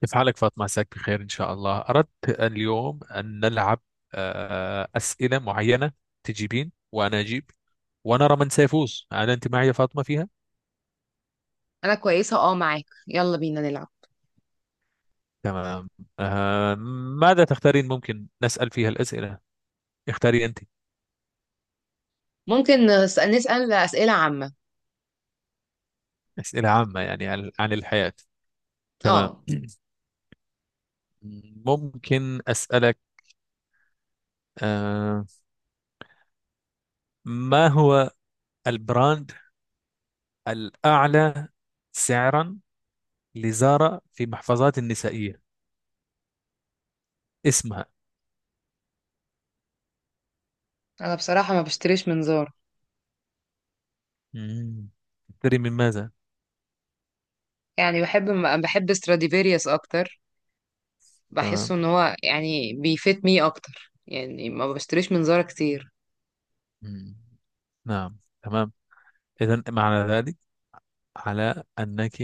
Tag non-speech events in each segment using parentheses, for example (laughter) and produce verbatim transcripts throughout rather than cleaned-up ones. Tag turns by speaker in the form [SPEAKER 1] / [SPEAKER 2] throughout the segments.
[SPEAKER 1] كيف حالك فاطمة؟ عساك بخير إن شاء الله. أردت اليوم أن نلعب آه، أسئلة معينة، تجيبين وأنا أجيب، ونرى من سيفوز. هل أنت معي يا فاطمة فيها؟
[SPEAKER 2] انا كويسه اه معاك، يلا بينا نلعب.
[SPEAKER 1] تمام. آه، ماذا تختارين؟ ممكن نسأل فيها الأسئلة؟ اختاري أنت.
[SPEAKER 2] ممكن نسأل نسأل اسئله عامه.
[SPEAKER 1] أسئلة عامة، يعني عن عن الحياة. تمام.
[SPEAKER 2] اه،
[SPEAKER 1] (clears throat) ممكن أسألك، آه، ما هو البراند الأعلى سعرا لزارا في محفظات النسائية؟ اسمها.
[SPEAKER 2] انا بصراحه ما بشتريش منظار.
[SPEAKER 1] مم. تشتري من ماذا؟
[SPEAKER 2] يعني بحب بحب ستراديفيريوس اكتر،
[SPEAKER 1] تمام.
[SPEAKER 2] بحسه ان هو يعني بيفيت مي اكتر، يعني ما بشتريش منظار كتير.
[SPEAKER 1] مم. نعم، تمام. إذا معنى ذلك على أنك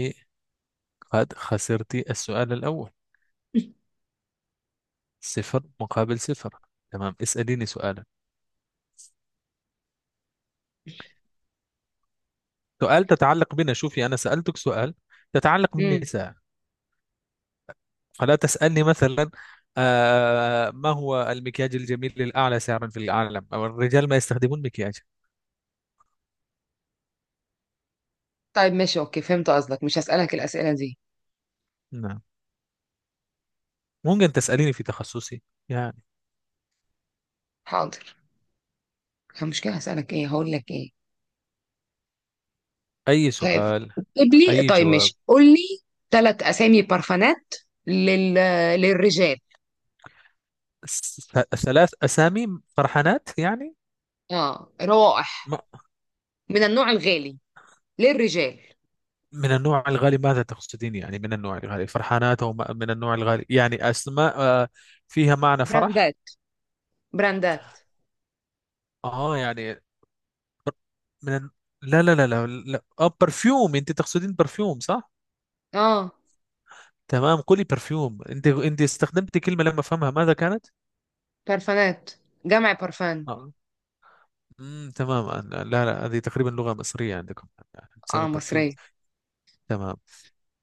[SPEAKER 1] قد خسرت السؤال الأول،
[SPEAKER 2] (laughs)
[SPEAKER 1] صفر مقابل صفر. تمام، اسأليني سؤالا. سؤال تتعلق بنا، شوفي، أنا سألتك سؤال تتعلق
[SPEAKER 2] امم
[SPEAKER 1] بالنساء، فلا تسألني مثلا آه ما هو المكياج الجميل للأعلى سعرا في العالم، أو الرجال ما يستخدمون مكياج.
[SPEAKER 2] طيب ماشي اوكي، فهمت قصدك، مش هسألك الاسئله دي.
[SPEAKER 1] نعم، ممكن تسأليني في تخصصي يعني،
[SPEAKER 2] حاضر. المشكله هسألك ايه، هقول لك ايه؟
[SPEAKER 1] أي
[SPEAKER 2] طيب،
[SPEAKER 1] سؤال
[SPEAKER 2] اكتب لي.
[SPEAKER 1] أي
[SPEAKER 2] طيب
[SPEAKER 1] جواب.
[SPEAKER 2] ماشي، قول لي ثلاث اسامي بارفانات لل... للرجال.
[SPEAKER 1] س- ثلاث أسامي فرحانات يعني،
[SPEAKER 2] اه، روائح
[SPEAKER 1] ما-
[SPEAKER 2] من النوع الغالي للرجال.
[SPEAKER 1] من النوع الغالي. ماذا تقصدين؟ يعني من النوع الغالي فرحانات؟ أو ما- من النوع الغالي يعني أسماء، آه، فيها معنى فرح.
[SPEAKER 2] براندات براندات.
[SPEAKER 1] آه يعني، من الن- لا، لا، لا، لا، لا. آه برفيوم، أنت تقصدين برفيوم، صح؟
[SPEAKER 2] اه،
[SPEAKER 1] تمام، قولي برفيوم. أنت أنت استخدمتي كلمة لما أفهمها، ماذا كانت؟
[SPEAKER 2] بارفانات جمع بارفان.
[SPEAKER 1] آه. مم، تمام. آه، لا، لا، هذه تقريبا لغة مصرية عندكم،
[SPEAKER 2] اه،
[SPEAKER 1] تسمى برفيوم.
[SPEAKER 2] مصرية.
[SPEAKER 1] تمام،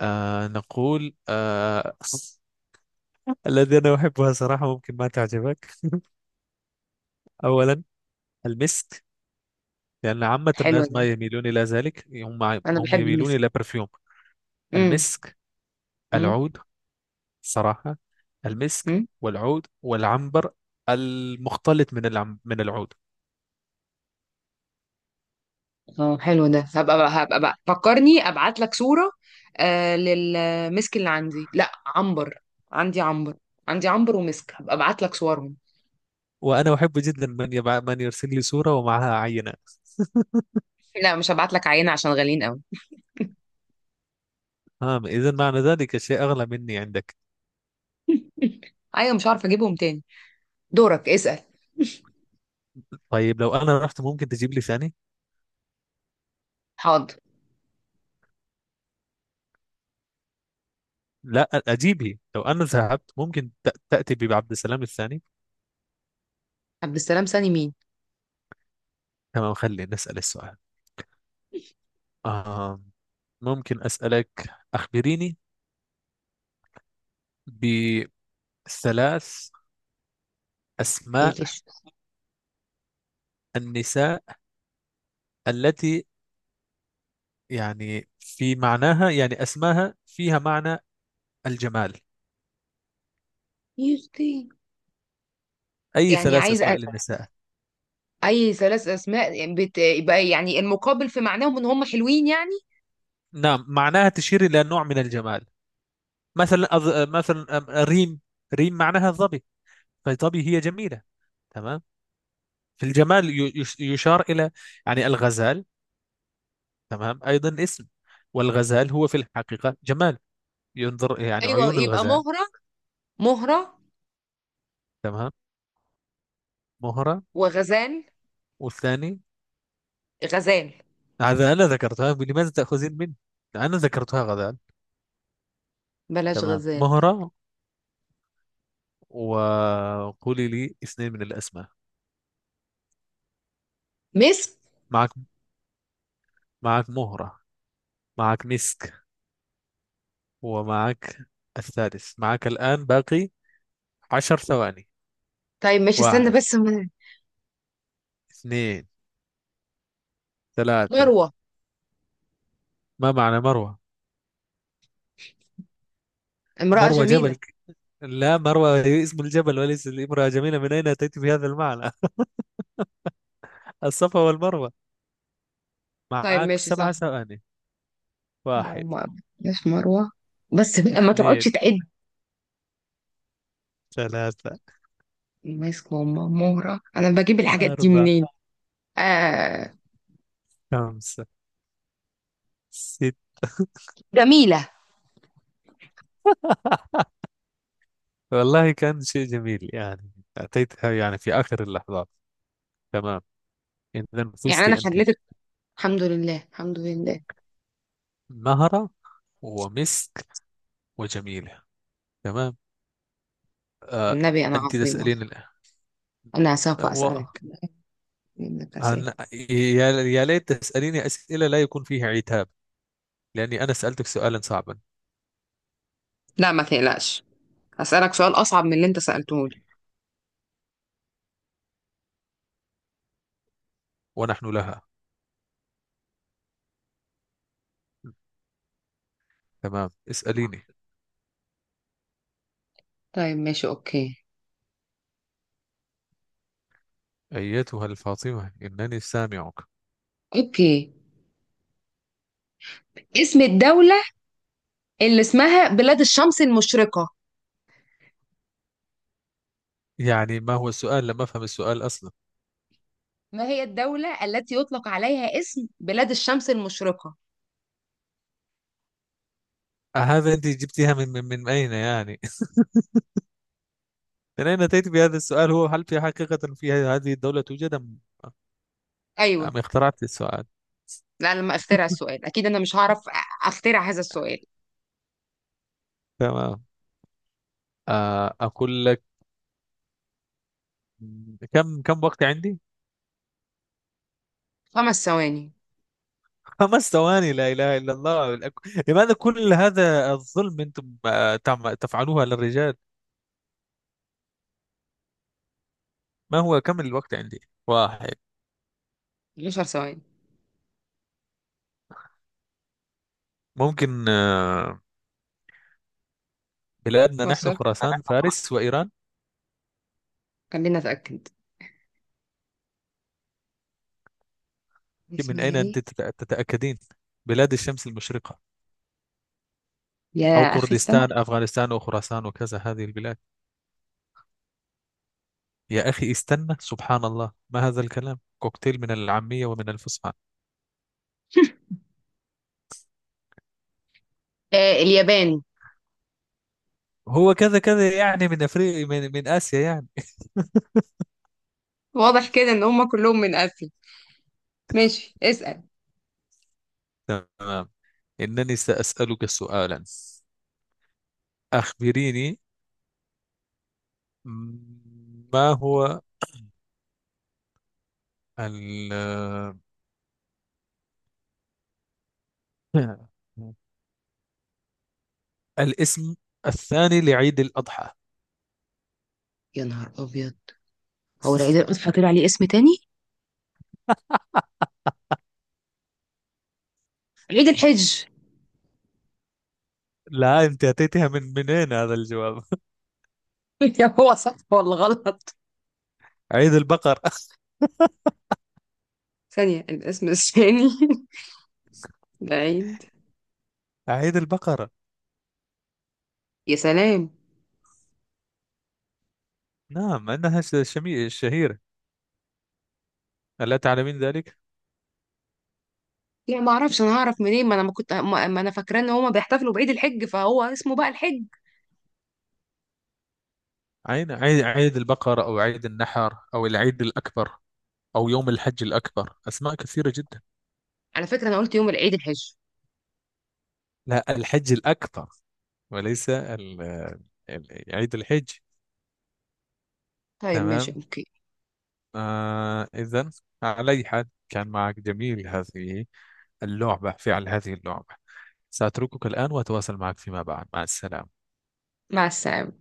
[SPEAKER 1] آه نقول آه الذي أنا أحبها صراحة ممكن ما تعجبك. (laughs) أولا، المسك، لأن عامة
[SPEAKER 2] حلو
[SPEAKER 1] الناس ما
[SPEAKER 2] ده،
[SPEAKER 1] يميلون إلى ذلك. هم
[SPEAKER 2] انا
[SPEAKER 1] هم
[SPEAKER 2] بحب
[SPEAKER 1] يميلون
[SPEAKER 2] المسك.
[SPEAKER 1] إلى برفيوم.
[SPEAKER 2] امم
[SPEAKER 1] المسك،
[SPEAKER 2] امم
[SPEAKER 1] العود، صراحة، المسك
[SPEAKER 2] امم
[SPEAKER 1] والعود والعنبر، المختلط من العم من العود.
[SPEAKER 2] اه حلو ده، هبقى بقى هبقى بقى فكرني ابعت لك صورة. آه للمسك اللي عندي، لا عنبر عندي عنبر عندي عنبر ومسك، هبقى ابعت لك صورهم.
[SPEAKER 1] وأنا أحب جدا من يبع... من يرسل لي صورة ومعها عينة.
[SPEAKER 2] (laughs) لا، مش هبعت لك عينة عشان غاليين قوي.
[SPEAKER 1] ها، إذا معنى ذلك الشيء أغلى مني عندك.
[SPEAKER 2] (laughs) ايوه، مش عارفة اجيبهم تاني. دورك، اسأل.
[SPEAKER 1] طيب، لو أنا رحت، ممكن تجيب لي ثاني؟
[SPEAKER 2] حاضر.
[SPEAKER 1] لا أجيبه. لو أنا ذهبت، ممكن تأ- تأتي بعبد السلام الثاني.
[SPEAKER 2] عبد السلام سامي مين؟
[SPEAKER 1] تمام، خلينا نسأل السؤال. آه ممكن أسألك، أخبريني بثلاث أسماء
[SPEAKER 2] بيلش
[SPEAKER 1] النساء التي يعني في معناها، يعني أسماها فيها معنى الجمال.
[SPEAKER 2] يختي.
[SPEAKER 1] أي
[SPEAKER 2] يعني
[SPEAKER 1] ثلاث أسماء
[SPEAKER 2] عايزة
[SPEAKER 1] للنساء.
[SPEAKER 2] اي ثلاث اسماء، يعني بت... يبقى يعني المقابل في معناهم ان هم حلوين يعني.
[SPEAKER 1] نعم، معناها تشير إلى نوع من الجمال. مثلا أظ- مثلا أم- ريم. ريم معناها الظبي، فالظبي هي جميلة. تمام. في الجمال ي- يش- يشار إلى يعني الغزال. تمام، أيضا اسم، والغزال هو في الحقيقة جمال، ينظر يعني
[SPEAKER 2] ايوه،
[SPEAKER 1] عيون
[SPEAKER 2] يبقى
[SPEAKER 1] الغزال.
[SPEAKER 2] مهرة مهرة
[SPEAKER 1] تمام، مهرة،
[SPEAKER 2] وغزال
[SPEAKER 1] والثاني.
[SPEAKER 2] غزال
[SPEAKER 1] هذا أنا ذكرتها، لماذا تأخذين مني؟ أنا ذكرتها غزال.
[SPEAKER 2] بلاش
[SPEAKER 1] تمام،
[SPEAKER 2] غزال.
[SPEAKER 1] مهرة، وقولي لي اثنين من الأسماء.
[SPEAKER 2] مسك.
[SPEAKER 1] معك، معك مهرة، معك مسك، ومعك الثالث. معك الآن باقي عشر ثواني.
[SPEAKER 2] طيب ماشي، استنى
[SPEAKER 1] واحد،
[SPEAKER 2] بس م-
[SPEAKER 1] اثنين، ثلاثة.
[SPEAKER 2] مروة.
[SPEAKER 1] ما معنى مروة؟
[SPEAKER 2] امرأة
[SPEAKER 1] مروة جبل،
[SPEAKER 2] جميلة.
[SPEAKER 1] ك- لا، مروة هي اسم الجبل وليس الامرأة جميلة، من أين أتيت بهذا المعنى؟ (laughs) الصفا والمروة.
[SPEAKER 2] طيب
[SPEAKER 1] معك
[SPEAKER 2] ماشي، صح.
[SPEAKER 1] سبع ثواني.
[SPEAKER 2] ما
[SPEAKER 1] واحد،
[SPEAKER 2] ما بلاش مروة، بس بقى ما تقعدش
[SPEAKER 1] اثنين،
[SPEAKER 2] تعد.
[SPEAKER 1] ثلاثة،
[SPEAKER 2] مسك، ماما، مهرة، انا بجيب الحاجات دي
[SPEAKER 1] أربعة،
[SPEAKER 2] منين؟ آه...
[SPEAKER 1] خمسة، ستة.
[SPEAKER 2] جميلة.
[SPEAKER 1] (laughs) والله كان شيء جميل يعني، أتيتها يعني في آخر اللحظات. تمام، إذا
[SPEAKER 2] يعني
[SPEAKER 1] فزت
[SPEAKER 2] انا
[SPEAKER 1] أنت،
[SPEAKER 2] خليتك. الحمد لله، الحمد لله.
[SPEAKER 1] مهرة ومسك وجميلة. تمام. آه.
[SPEAKER 2] والنبي انا
[SPEAKER 1] أنت
[SPEAKER 2] عظيمة.
[SPEAKER 1] تسألين الآن.
[SPEAKER 2] انا
[SPEAKER 1] آه،
[SPEAKER 2] سوف
[SPEAKER 1] و...
[SPEAKER 2] اسألك منك أسئلة.
[SPEAKER 1] أنا... يا... يا ليت تسأليني أسئلة لا يكون فيها عتاب، لأني أنا سألتك سؤالا صعبا.
[SPEAKER 2] لا ما تقلقش، هسألك سؤال أصعب من اللي أنت سألته لي.
[SPEAKER 1] ونحن لها. تمام، اسأليني،
[SPEAKER 2] طيب ماشي أوكي.
[SPEAKER 1] أيتها الفاطمة، إنني سامعك.
[SPEAKER 2] أوكي، اسم الدولة اللي اسمها بلاد الشمس المشرقة.
[SPEAKER 1] يعني ما هو السؤال؟ لم أفهم السؤال أصلا.
[SPEAKER 2] ما هي الدولة التي يطلق عليها اسم بلاد الشمس المشرقة؟
[SPEAKER 1] هذا أنت جبتيها من من من أين يعني؟ (laughs) من أين أتيت بهذا السؤال؟ هو هل في حقيقة في هذه الدولة توجد، أم
[SPEAKER 2] أيوة.
[SPEAKER 1] أم اخترعت السؤال؟
[SPEAKER 2] لا، لما أخترع السؤال أكيد أنا مش هعرف أ- أخترع هذا السؤال.
[SPEAKER 1] تمام. آه، أقول لك، كم كم وقت عندي؟
[SPEAKER 2] خمس ثواني.
[SPEAKER 1] (laughs) خمس ثواني. لا إله إلا الله. الأك- لماذا كل هذا الظلم؟ أنتم آه، تعم- تفعلوها للرجال؟ ما هو كم الوقت عندي؟ واحد.
[SPEAKER 2] 10 ثواني.
[SPEAKER 1] ممكن، آه، بلادنا
[SPEAKER 2] هو
[SPEAKER 1] نحن
[SPEAKER 2] السؤال،
[SPEAKER 1] خراسان، فارس وإيران.
[SPEAKER 2] خلينا أتأكد،
[SPEAKER 1] من
[SPEAKER 2] اسمها
[SPEAKER 1] أين
[SPEAKER 2] إيه؟
[SPEAKER 1] أنت تت- تتأكدين؟ بلاد الشمس المشرقة، أو
[SPEAKER 2] يا أخي استنى.
[SPEAKER 1] كردستان، أفغانستان، وخراسان، وكذا هذه البلاد. يا أخي استنى، سبحان الله، ما هذا الكلام؟ كوكتيل من العامية ومن الفصحى.
[SPEAKER 2] آه، اليابان.
[SPEAKER 1] هو كذا كذا يعني، من أفريقيا، من, من آسيا يعني.
[SPEAKER 2] واضح كده إن هما كلهم من آسيا. ماشي، اسأل.
[SPEAKER 1] تمام، إنني سأسألك سؤالا. أخبريني، ما هو ال (clears throat) الاسم الثاني لعيد الأضحى؟
[SPEAKER 2] يا نهار أبيض، هو العيد الأضحى
[SPEAKER 1] (laughs)
[SPEAKER 2] طلع عليه اسم تاني؟ عيد الحج.
[SPEAKER 1] لا، أنت أتيتها من منين هذا الجواب؟
[SPEAKER 2] (laughs) يا، هو صح ولا غلط؟
[SPEAKER 1] (laughs) عيد البقر. (laughs)
[SPEAKER 2] ثانية، الاسم الثاني. (laughs) العيد.
[SPEAKER 1] عيد البقرة.
[SPEAKER 2] يا سلام.
[SPEAKER 1] نعم، أنها ش- شمي- شهيرة، ألا تعلمين ذلك؟
[SPEAKER 2] لا، ما اعرفش، انا هعرف منين، ما انا ما كنت، ما ما انا فاكرة ان هما بيحتفلوا بعيد الحج، فهو اسمه بقى الحج.
[SPEAKER 1] عيد عيد عيد البقر، أو عيد النحر، أو العيد الأكبر، أو يوم الحج الأكبر، أسماء كثيرة جدا.
[SPEAKER 2] على فكرة انا قلت يوم العيد الحج.
[SPEAKER 1] لا، الحج الأكبر، وليس ال- ال- عيد الحج.
[SPEAKER 2] طيب ماشي
[SPEAKER 1] تمام.
[SPEAKER 2] اوكي.
[SPEAKER 1] آه إذا، على أي حال، كان معك جميل هذه اللعبة، فعل هذه اللعبة. سأتركك الآن وأتواصل معك فيما بعد. مع السلامة.
[SPEAKER 2] مع السلامة.